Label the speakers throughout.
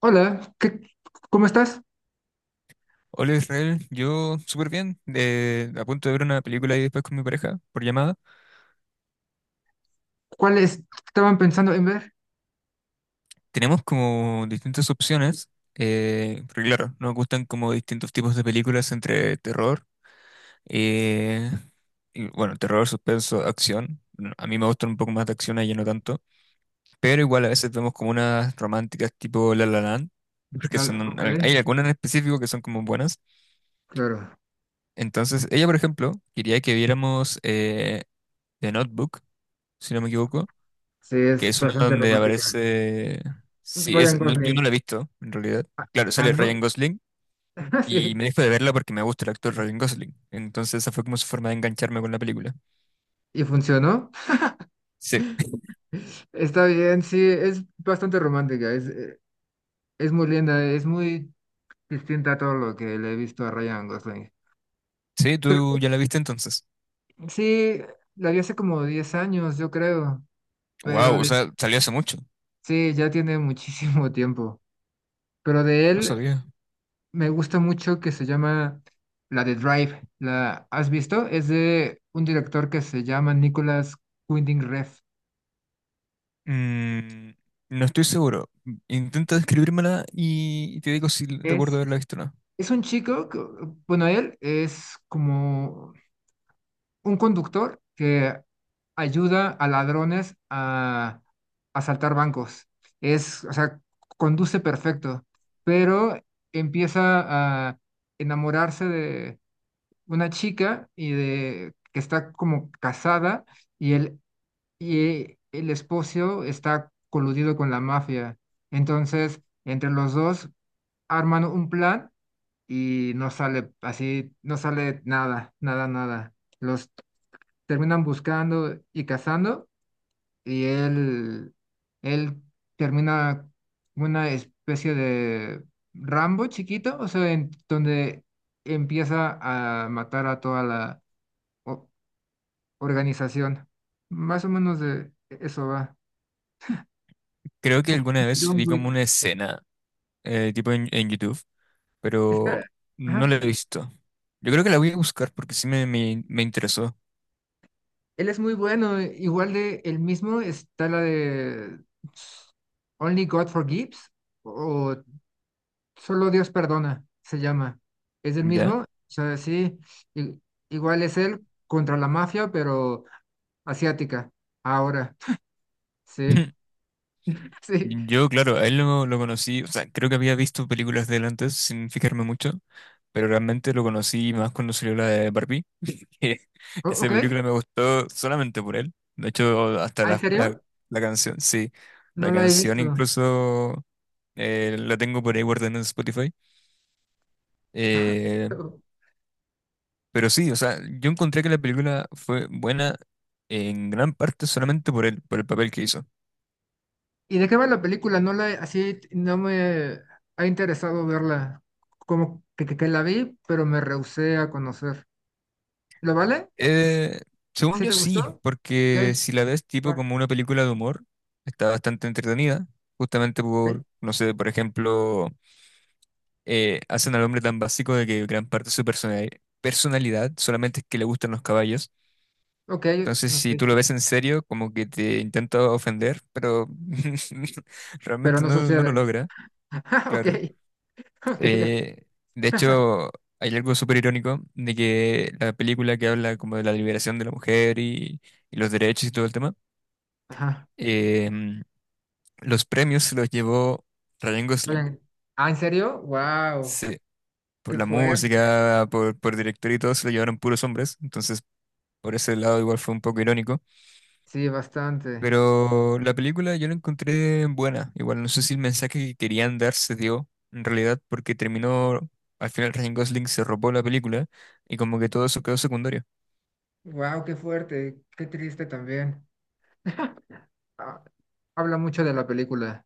Speaker 1: Hola, ¿cómo estás?
Speaker 2: Hola Israel, yo súper bien, a punto de ver una película y después con mi pareja por llamada.
Speaker 1: ¿Cuáles estaban pensando en ver?
Speaker 2: Tenemos como distintas opciones, porque claro, nos gustan como distintos tipos de películas entre terror, eh, y, bueno, terror, suspenso, acción. No, a mí me gustan un poco más de acción, a ella no tanto, pero igual a veces vemos como unas románticas tipo La La Land, porque
Speaker 1: Nada,
Speaker 2: son,
Speaker 1: ok,
Speaker 2: hay algunas en específico que son como buenas.
Speaker 1: claro.
Speaker 2: Entonces, ella, por ejemplo, quería que viéramos The Notebook, si no me equivoco,
Speaker 1: Sí,
Speaker 2: que
Speaker 1: es
Speaker 2: es una
Speaker 1: bastante
Speaker 2: donde
Speaker 1: romántica.
Speaker 2: aparece... Sí,
Speaker 1: Ryan
Speaker 2: es... yo no la
Speaker 1: Gosling.
Speaker 2: he visto, en realidad. Claro,
Speaker 1: Ah,
Speaker 2: sale Ryan
Speaker 1: ¿no?
Speaker 2: Gosling y
Speaker 1: Sí.
Speaker 2: me dejo de verla porque me gusta el actor Ryan Gosling. Entonces esa fue como su forma de engancharme con la película.
Speaker 1: ¿Y funcionó?
Speaker 2: Sí,
Speaker 1: Está bien, sí, es bastante romántica. Es muy linda, es muy distinta a todo lo que le he visto a Ryan Gosling.
Speaker 2: sí,
Speaker 1: Creo
Speaker 2: tú ya la viste entonces.
Speaker 1: que sí, la vi hace como 10 años, yo creo. Pero
Speaker 2: Wow, o
Speaker 1: de,
Speaker 2: sea, salió hace mucho.
Speaker 1: sí, ya tiene muchísimo tiempo. Pero de
Speaker 2: No
Speaker 1: él.
Speaker 2: sabía.
Speaker 1: Me gusta mucho que se llama la de Drive. ¿La has visto? Es de un director que se llama Nicolas Winding Refn.
Speaker 2: Mm, no estoy seguro. Intenta describírmela y te digo si recuerdo
Speaker 1: Es,
Speaker 2: haberla visto o no.
Speaker 1: es un chico, bueno, él es como un conductor que ayuda a ladrones a asaltar bancos. Es, o sea, conduce perfecto, pero empieza a enamorarse de una chica y de que está como casada y él y el esposo está coludido con la mafia. Entonces, entre los dos arman un plan y no sale así, no sale nada, nada, nada. Los terminan buscando y cazando y él termina una especie de Rambo chiquito, o sea, en donde empieza a matar a toda la o- organización. Más o menos de eso va.
Speaker 2: Creo que alguna vez
Speaker 1: John
Speaker 2: vi como
Speaker 1: Wick.
Speaker 2: una escena, tipo en YouTube, pero
Speaker 1: Está,
Speaker 2: no
Speaker 1: ajá,
Speaker 2: la he visto. Yo creo que la voy a buscar porque sí me interesó,
Speaker 1: él es muy bueno. Igual de el mismo está la de Only God Forgives o Solo Dios Perdona, se llama. Es el
Speaker 2: ¿ya?
Speaker 1: mismo, o sea, sí, i- igual es él contra la mafia, pero asiática. Ahora, sí, sí.
Speaker 2: Yo, claro, a él lo conocí, o sea, creo que había visto películas de él antes sin fijarme mucho, pero realmente lo conocí más cuando salió la de Barbie, que esa
Speaker 1: Ok,
Speaker 2: película me gustó solamente por él. De hecho, hasta
Speaker 1: ¿Ah, ¿en serio?
Speaker 2: la canción, sí,
Speaker 1: No
Speaker 2: la
Speaker 1: la he
Speaker 2: canción
Speaker 1: visto.
Speaker 2: incluso la tengo por ahí guardada en Spotify. Eh, Pero sí, o sea, yo encontré que la película fue buena en gran parte solamente por por el papel que hizo.
Speaker 1: ¿Y de qué va la película? No la, así no me ha interesado verla. Como que, que la vi, pero me rehusé a conocer. ¿Lo vale?
Speaker 2: Eh, según
Speaker 1: ¿Sí
Speaker 2: yo
Speaker 1: te gustó?
Speaker 2: sí,
Speaker 1: Ok,
Speaker 2: porque si la ves tipo
Speaker 1: va,
Speaker 2: como una película de humor, está bastante entretenida, justamente
Speaker 1: ok,
Speaker 2: por, no sé, por ejemplo, hacen al hombre tan básico de que gran parte de su personalidad solamente es que le gustan los caballos.
Speaker 1: ok,
Speaker 2: Entonces, si tú lo
Speaker 1: ok.
Speaker 2: ves en serio, como que te intenta ofender, pero
Speaker 1: Pero
Speaker 2: realmente
Speaker 1: no
Speaker 2: no, no lo
Speaker 1: sucede.
Speaker 2: logra,
Speaker 1: Ok,
Speaker 2: claro.
Speaker 1: ok.
Speaker 2: Eh, de hecho, hay algo súper irónico de que la película que habla como de la liberación de la mujer y los derechos y todo el tema,
Speaker 1: Ajá.
Speaker 2: eh, los premios se los llevó Ryan Gosling.
Speaker 1: Vayan. Ah, ¿en serio? Wow,
Speaker 2: Sí, por
Speaker 1: qué
Speaker 2: la
Speaker 1: fuerte.
Speaker 2: música, por director y todo, se lo llevaron puros hombres. Entonces, por ese lado igual fue un poco irónico.
Speaker 1: Sí, bastante.
Speaker 2: Pero la película yo la encontré buena. Igual no sé si el mensaje que querían dar se dio en realidad porque terminó, al final Ryan Gosling se robó la película y como que todo eso quedó secundario.
Speaker 1: Wow, qué fuerte. Qué triste también. Ah, habla mucho de la película.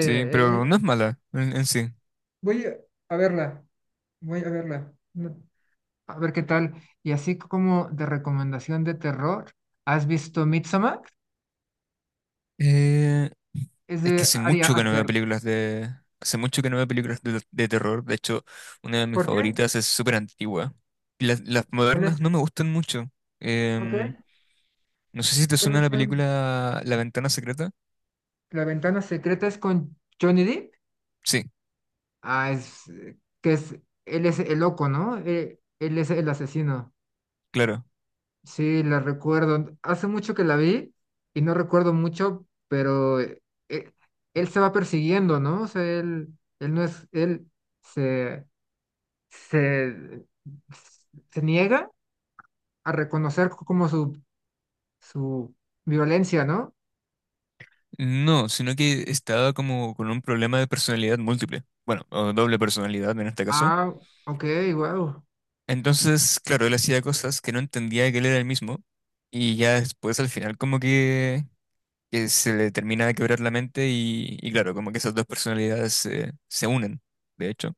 Speaker 2: Sí, pero no es mala en sí.
Speaker 1: voy a verla. Voy a verla. A ver qué tal. Y así como de recomendación de terror, ¿has visto Midsommar?
Speaker 2: Eh,
Speaker 1: Es
Speaker 2: es que
Speaker 1: de
Speaker 2: hace
Speaker 1: Ari
Speaker 2: mucho que no veo
Speaker 1: Aster.
Speaker 2: películas de... Hace mucho que no veo películas de terror. De hecho, una de mis
Speaker 1: ¿Por qué?
Speaker 2: favoritas es súper antigua. Las
Speaker 1: ¿Cuál
Speaker 2: modernas
Speaker 1: es?
Speaker 2: no me gustan mucho.
Speaker 1: Ok.
Speaker 2: Em, no sé si te suena
Speaker 1: ¿Cuáles
Speaker 2: la
Speaker 1: son?
Speaker 2: película La Ventana Secreta.
Speaker 1: La ventana secreta es con Johnny Depp.
Speaker 2: Sí,
Speaker 1: Ah, es que es él es el loco, ¿no? Él es el asesino.
Speaker 2: claro.
Speaker 1: Sí, la recuerdo. Hace mucho que la vi y no recuerdo mucho, pero eh, él se va persiguiendo, ¿no? O sea, él no es él se se, se niega a reconocer como su violencia, ¿no?
Speaker 2: No, sino que estaba como con un problema de personalidad múltiple. Bueno, o doble personalidad en este caso.
Speaker 1: Ah, ok, wow.
Speaker 2: Entonces, claro, él hacía cosas que no entendía que él era el mismo. Y ya después al final como que se le termina de quebrar la mente y claro, como que esas dos personalidades se unen, de hecho.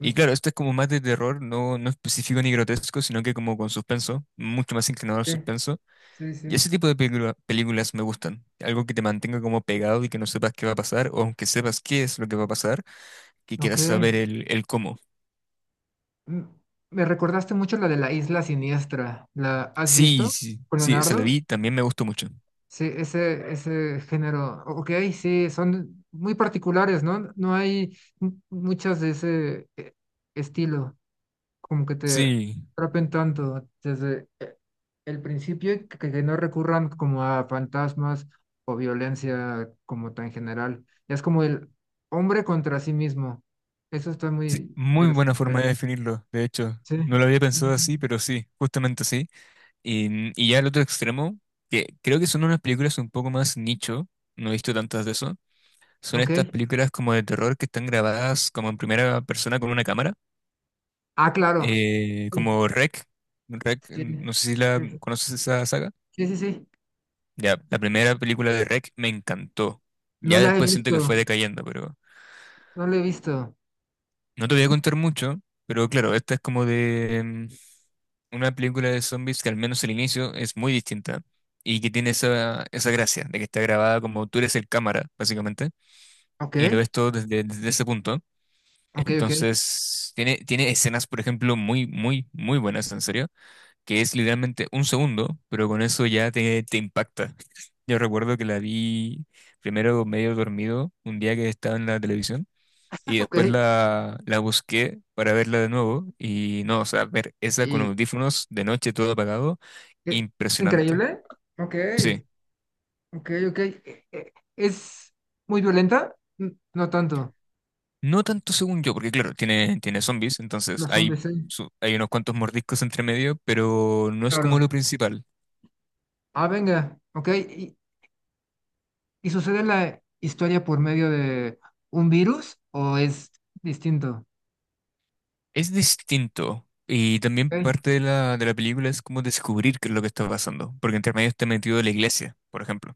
Speaker 2: Y claro, esto es como más de terror, no, no específico ni grotesco, sino que como con suspenso, mucho más inclinado al
Speaker 1: Sí,
Speaker 2: suspenso.
Speaker 1: sí,
Speaker 2: Y
Speaker 1: sí.
Speaker 2: ese tipo de películas me gustan. Algo que te mantenga como pegado y que no sepas qué va a pasar, o aunque sepas qué es lo que va a pasar, que
Speaker 1: Ok.
Speaker 2: quieras saber el cómo.
Speaker 1: Mm, me recordaste mucho la de la Isla Siniestra. ¿La has
Speaker 2: Sí,
Speaker 1: visto
Speaker 2: sí,
Speaker 1: con
Speaker 2: sí, esa la
Speaker 1: Leonardo?
Speaker 2: vi, también me gustó mucho.
Speaker 1: Sí, ese género. Ok, sí, son muy particulares, ¿no? No hay muchas de ese estilo. Como que te
Speaker 2: Sí,
Speaker 1: atrapen tanto desde el principio y que no recurran como a fantasmas o violencia como tan general. Ya es como el hombre contra sí mismo. Eso está
Speaker 2: sí,
Speaker 1: muy
Speaker 2: muy
Speaker 1: interesante.
Speaker 2: buena forma de definirlo, de hecho.
Speaker 1: Sí,
Speaker 2: No lo había
Speaker 1: sí, sí.
Speaker 2: pensado así,
Speaker 1: Sí.
Speaker 2: pero sí, justamente así. Y ya el otro extremo, que creo que son unas películas un poco más nicho, no he visto tantas de eso, son
Speaker 1: Ok.
Speaker 2: estas películas como de terror que están grabadas como en primera persona con una cámara,
Speaker 1: Ah, claro. Sí,
Speaker 2: como REC. REC,
Speaker 1: sí,
Speaker 2: no sé si la
Speaker 1: sí,
Speaker 2: conoces esa saga.
Speaker 1: sí, sí, sí.
Speaker 2: Ya, la primera película de REC me encantó.
Speaker 1: No
Speaker 2: Ya
Speaker 1: la he
Speaker 2: después siento que fue
Speaker 1: visto,
Speaker 2: decayendo, pero
Speaker 1: no la he visto.
Speaker 2: no te voy a contar mucho, pero claro, esta es como de, mm, una película de zombies que al menos el inicio es muy distinta y que tiene esa, esa gracia de que está grabada como tú eres el cámara, básicamente,
Speaker 1: Ok,
Speaker 2: y lo ves todo desde, desde ese punto.
Speaker 1: ok, ok,
Speaker 2: Entonces, tiene escenas, por ejemplo, muy, muy, muy buenas, en serio, que es literalmente un segundo, pero con eso ya te impacta. Yo recuerdo que la vi primero medio dormido un día que estaba en la televisión. Y después
Speaker 1: ok.
Speaker 2: la busqué para verla de nuevo. Y no, o sea, ver esa con
Speaker 1: ¿Y
Speaker 2: audífonos de noche todo apagado,
Speaker 1: qué- es
Speaker 2: impresionante.
Speaker 1: increíble? Ok.
Speaker 2: Sí.
Speaker 1: Ok, ok. ¿Es muy violenta? No tanto.
Speaker 2: No tanto según yo, porque claro, tiene zombies, entonces
Speaker 1: Los hombres,
Speaker 2: hay,
Speaker 1: sí.
Speaker 2: hay unos cuantos mordiscos entre medio, pero no es como lo
Speaker 1: Claro.
Speaker 2: principal.
Speaker 1: Ah, venga. Ok. Y sucede la historia por medio de un virus o es distinto?
Speaker 2: Es distinto. Y también
Speaker 1: Ok.
Speaker 2: parte de de la película es como descubrir qué es lo que está pasando, porque entre medio está metido la iglesia, por ejemplo.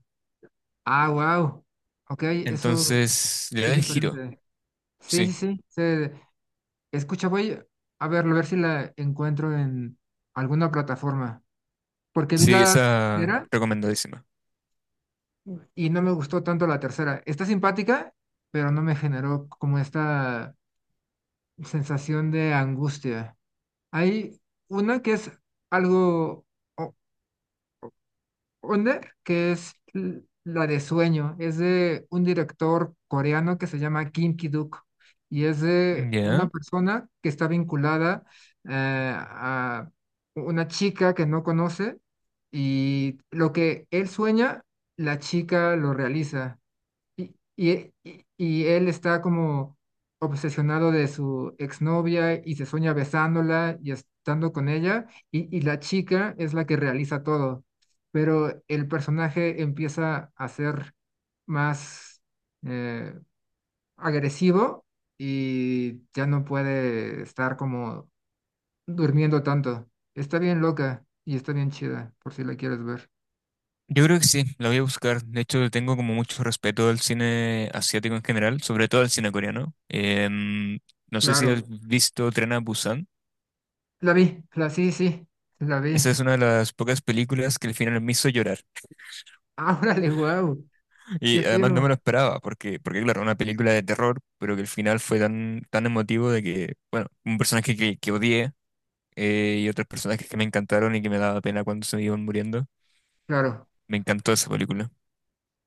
Speaker 1: Ah, wow. Ok, eso
Speaker 2: Entonces, le da
Speaker 1: es
Speaker 2: el giro.
Speaker 1: diferente. Sí, sí,
Speaker 2: Sí,
Speaker 1: sí. Se escucha, voy a verlo, a ver si la encuentro en alguna plataforma. Porque vi
Speaker 2: sí,
Speaker 1: la
Speaker 2: esa
Speaker 1: primera
Speaker 2: recomendadísima.
Speaker 1: y no me gustó tanto la tercera. Está simpática, pero no me generó como esta sensación de angustia. Hay una que es algo o- under, que es la de sueño. Es de un director coreano que se llama Kim Ki-duk y es de una
Speaker 2: Ya.
Speaker 1: persona que está vinculada a una chica que no conoce y lo que él sueña, la chica lo realiza. Y él está como obsesionado de su exnovia y se sueña besándola y estando con ella, y la chica es la que realiza todo, pero el personaje empieza a ser más eh, agresivo y ya no puede estar como durmiendo tanto. Está bien loca y está bien chida, por si la quieres ver.
Speaker 2: Yo creo que sí, la voy a buscar. De hecho, le tengo como mucho respeto al cine asiático en general, sobre todo al cine coreano. Em, no sé si has
Speaker 1: Claro,
Speaker 2: visto Tren a Busan.
Speaker 1: la vi, la sí, sí, la vi.
Speaker 2: Esa es una de las pocas películas que el final me hizo llorar.
Speaker 1: Ah, órale, guau. Qué
Speaker 2: Y además no me
Speaker 1: fino,
Speaker 2: lo esperaba, porque, porque claro, una película de terror, pero que el final fue tan, tan emotivo de que, bueno, un personaje que odié y otros personajes que me encantaron y que me daba pena cuando se iban muriendo.
Speaker 1: claro.
Speaker 2: Me encantó esa película.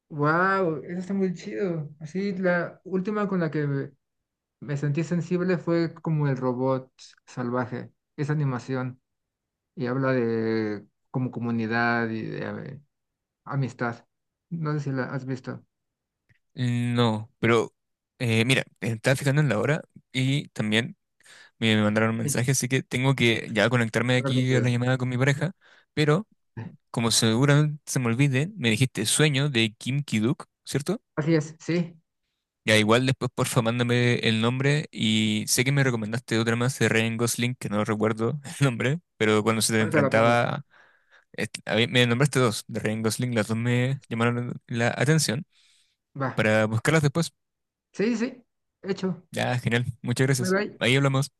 Speaker 1: Wow, eso está muy chido. Así, la última con la que me sentí sensible fue como el robot salvaje, esa animación, y habla de como comunidad y de eh, amistad. No sé si la has visto.
Speaker 2: No, pero mira, estaba fijando en la hora y también... Me mandaron un
Speaker 1: Sí,
Speaker 2: mensaje, así que tengo que ya conectarme de
Speaker 1: la verdad que
Speaker 2: aquí a la
Speaker 1: no.
Speaker 2: llamada con mi pareja. Pero, como seguramente se me olvide, me dijiste Sueño de Kim Ki-duk, ¿cierto?
Speaker 1: Así es, sí.
Speaker 2: Ya igual después porfa mándame el nombre y sé que me recomendaste otra más de Ryan Gosling, que no recuerdo el nombre, pero cuando se te
Speaker 1: Ahorita la pongo.
Speaker 2: enfrentaba, me nombraste dos de Ryan Gosling, las dos me llamaron la atención
Speaker 1: Va.
Speaker 2: para buscarlas después.
Speaker 1: Sí, sí, hecho.
Speaker 2: Ya, genial, muchas
Speaker 1: Bye
Speaker 2: gracias.
Speaker 1: bye.
Speaker 2: Ahí hablamos.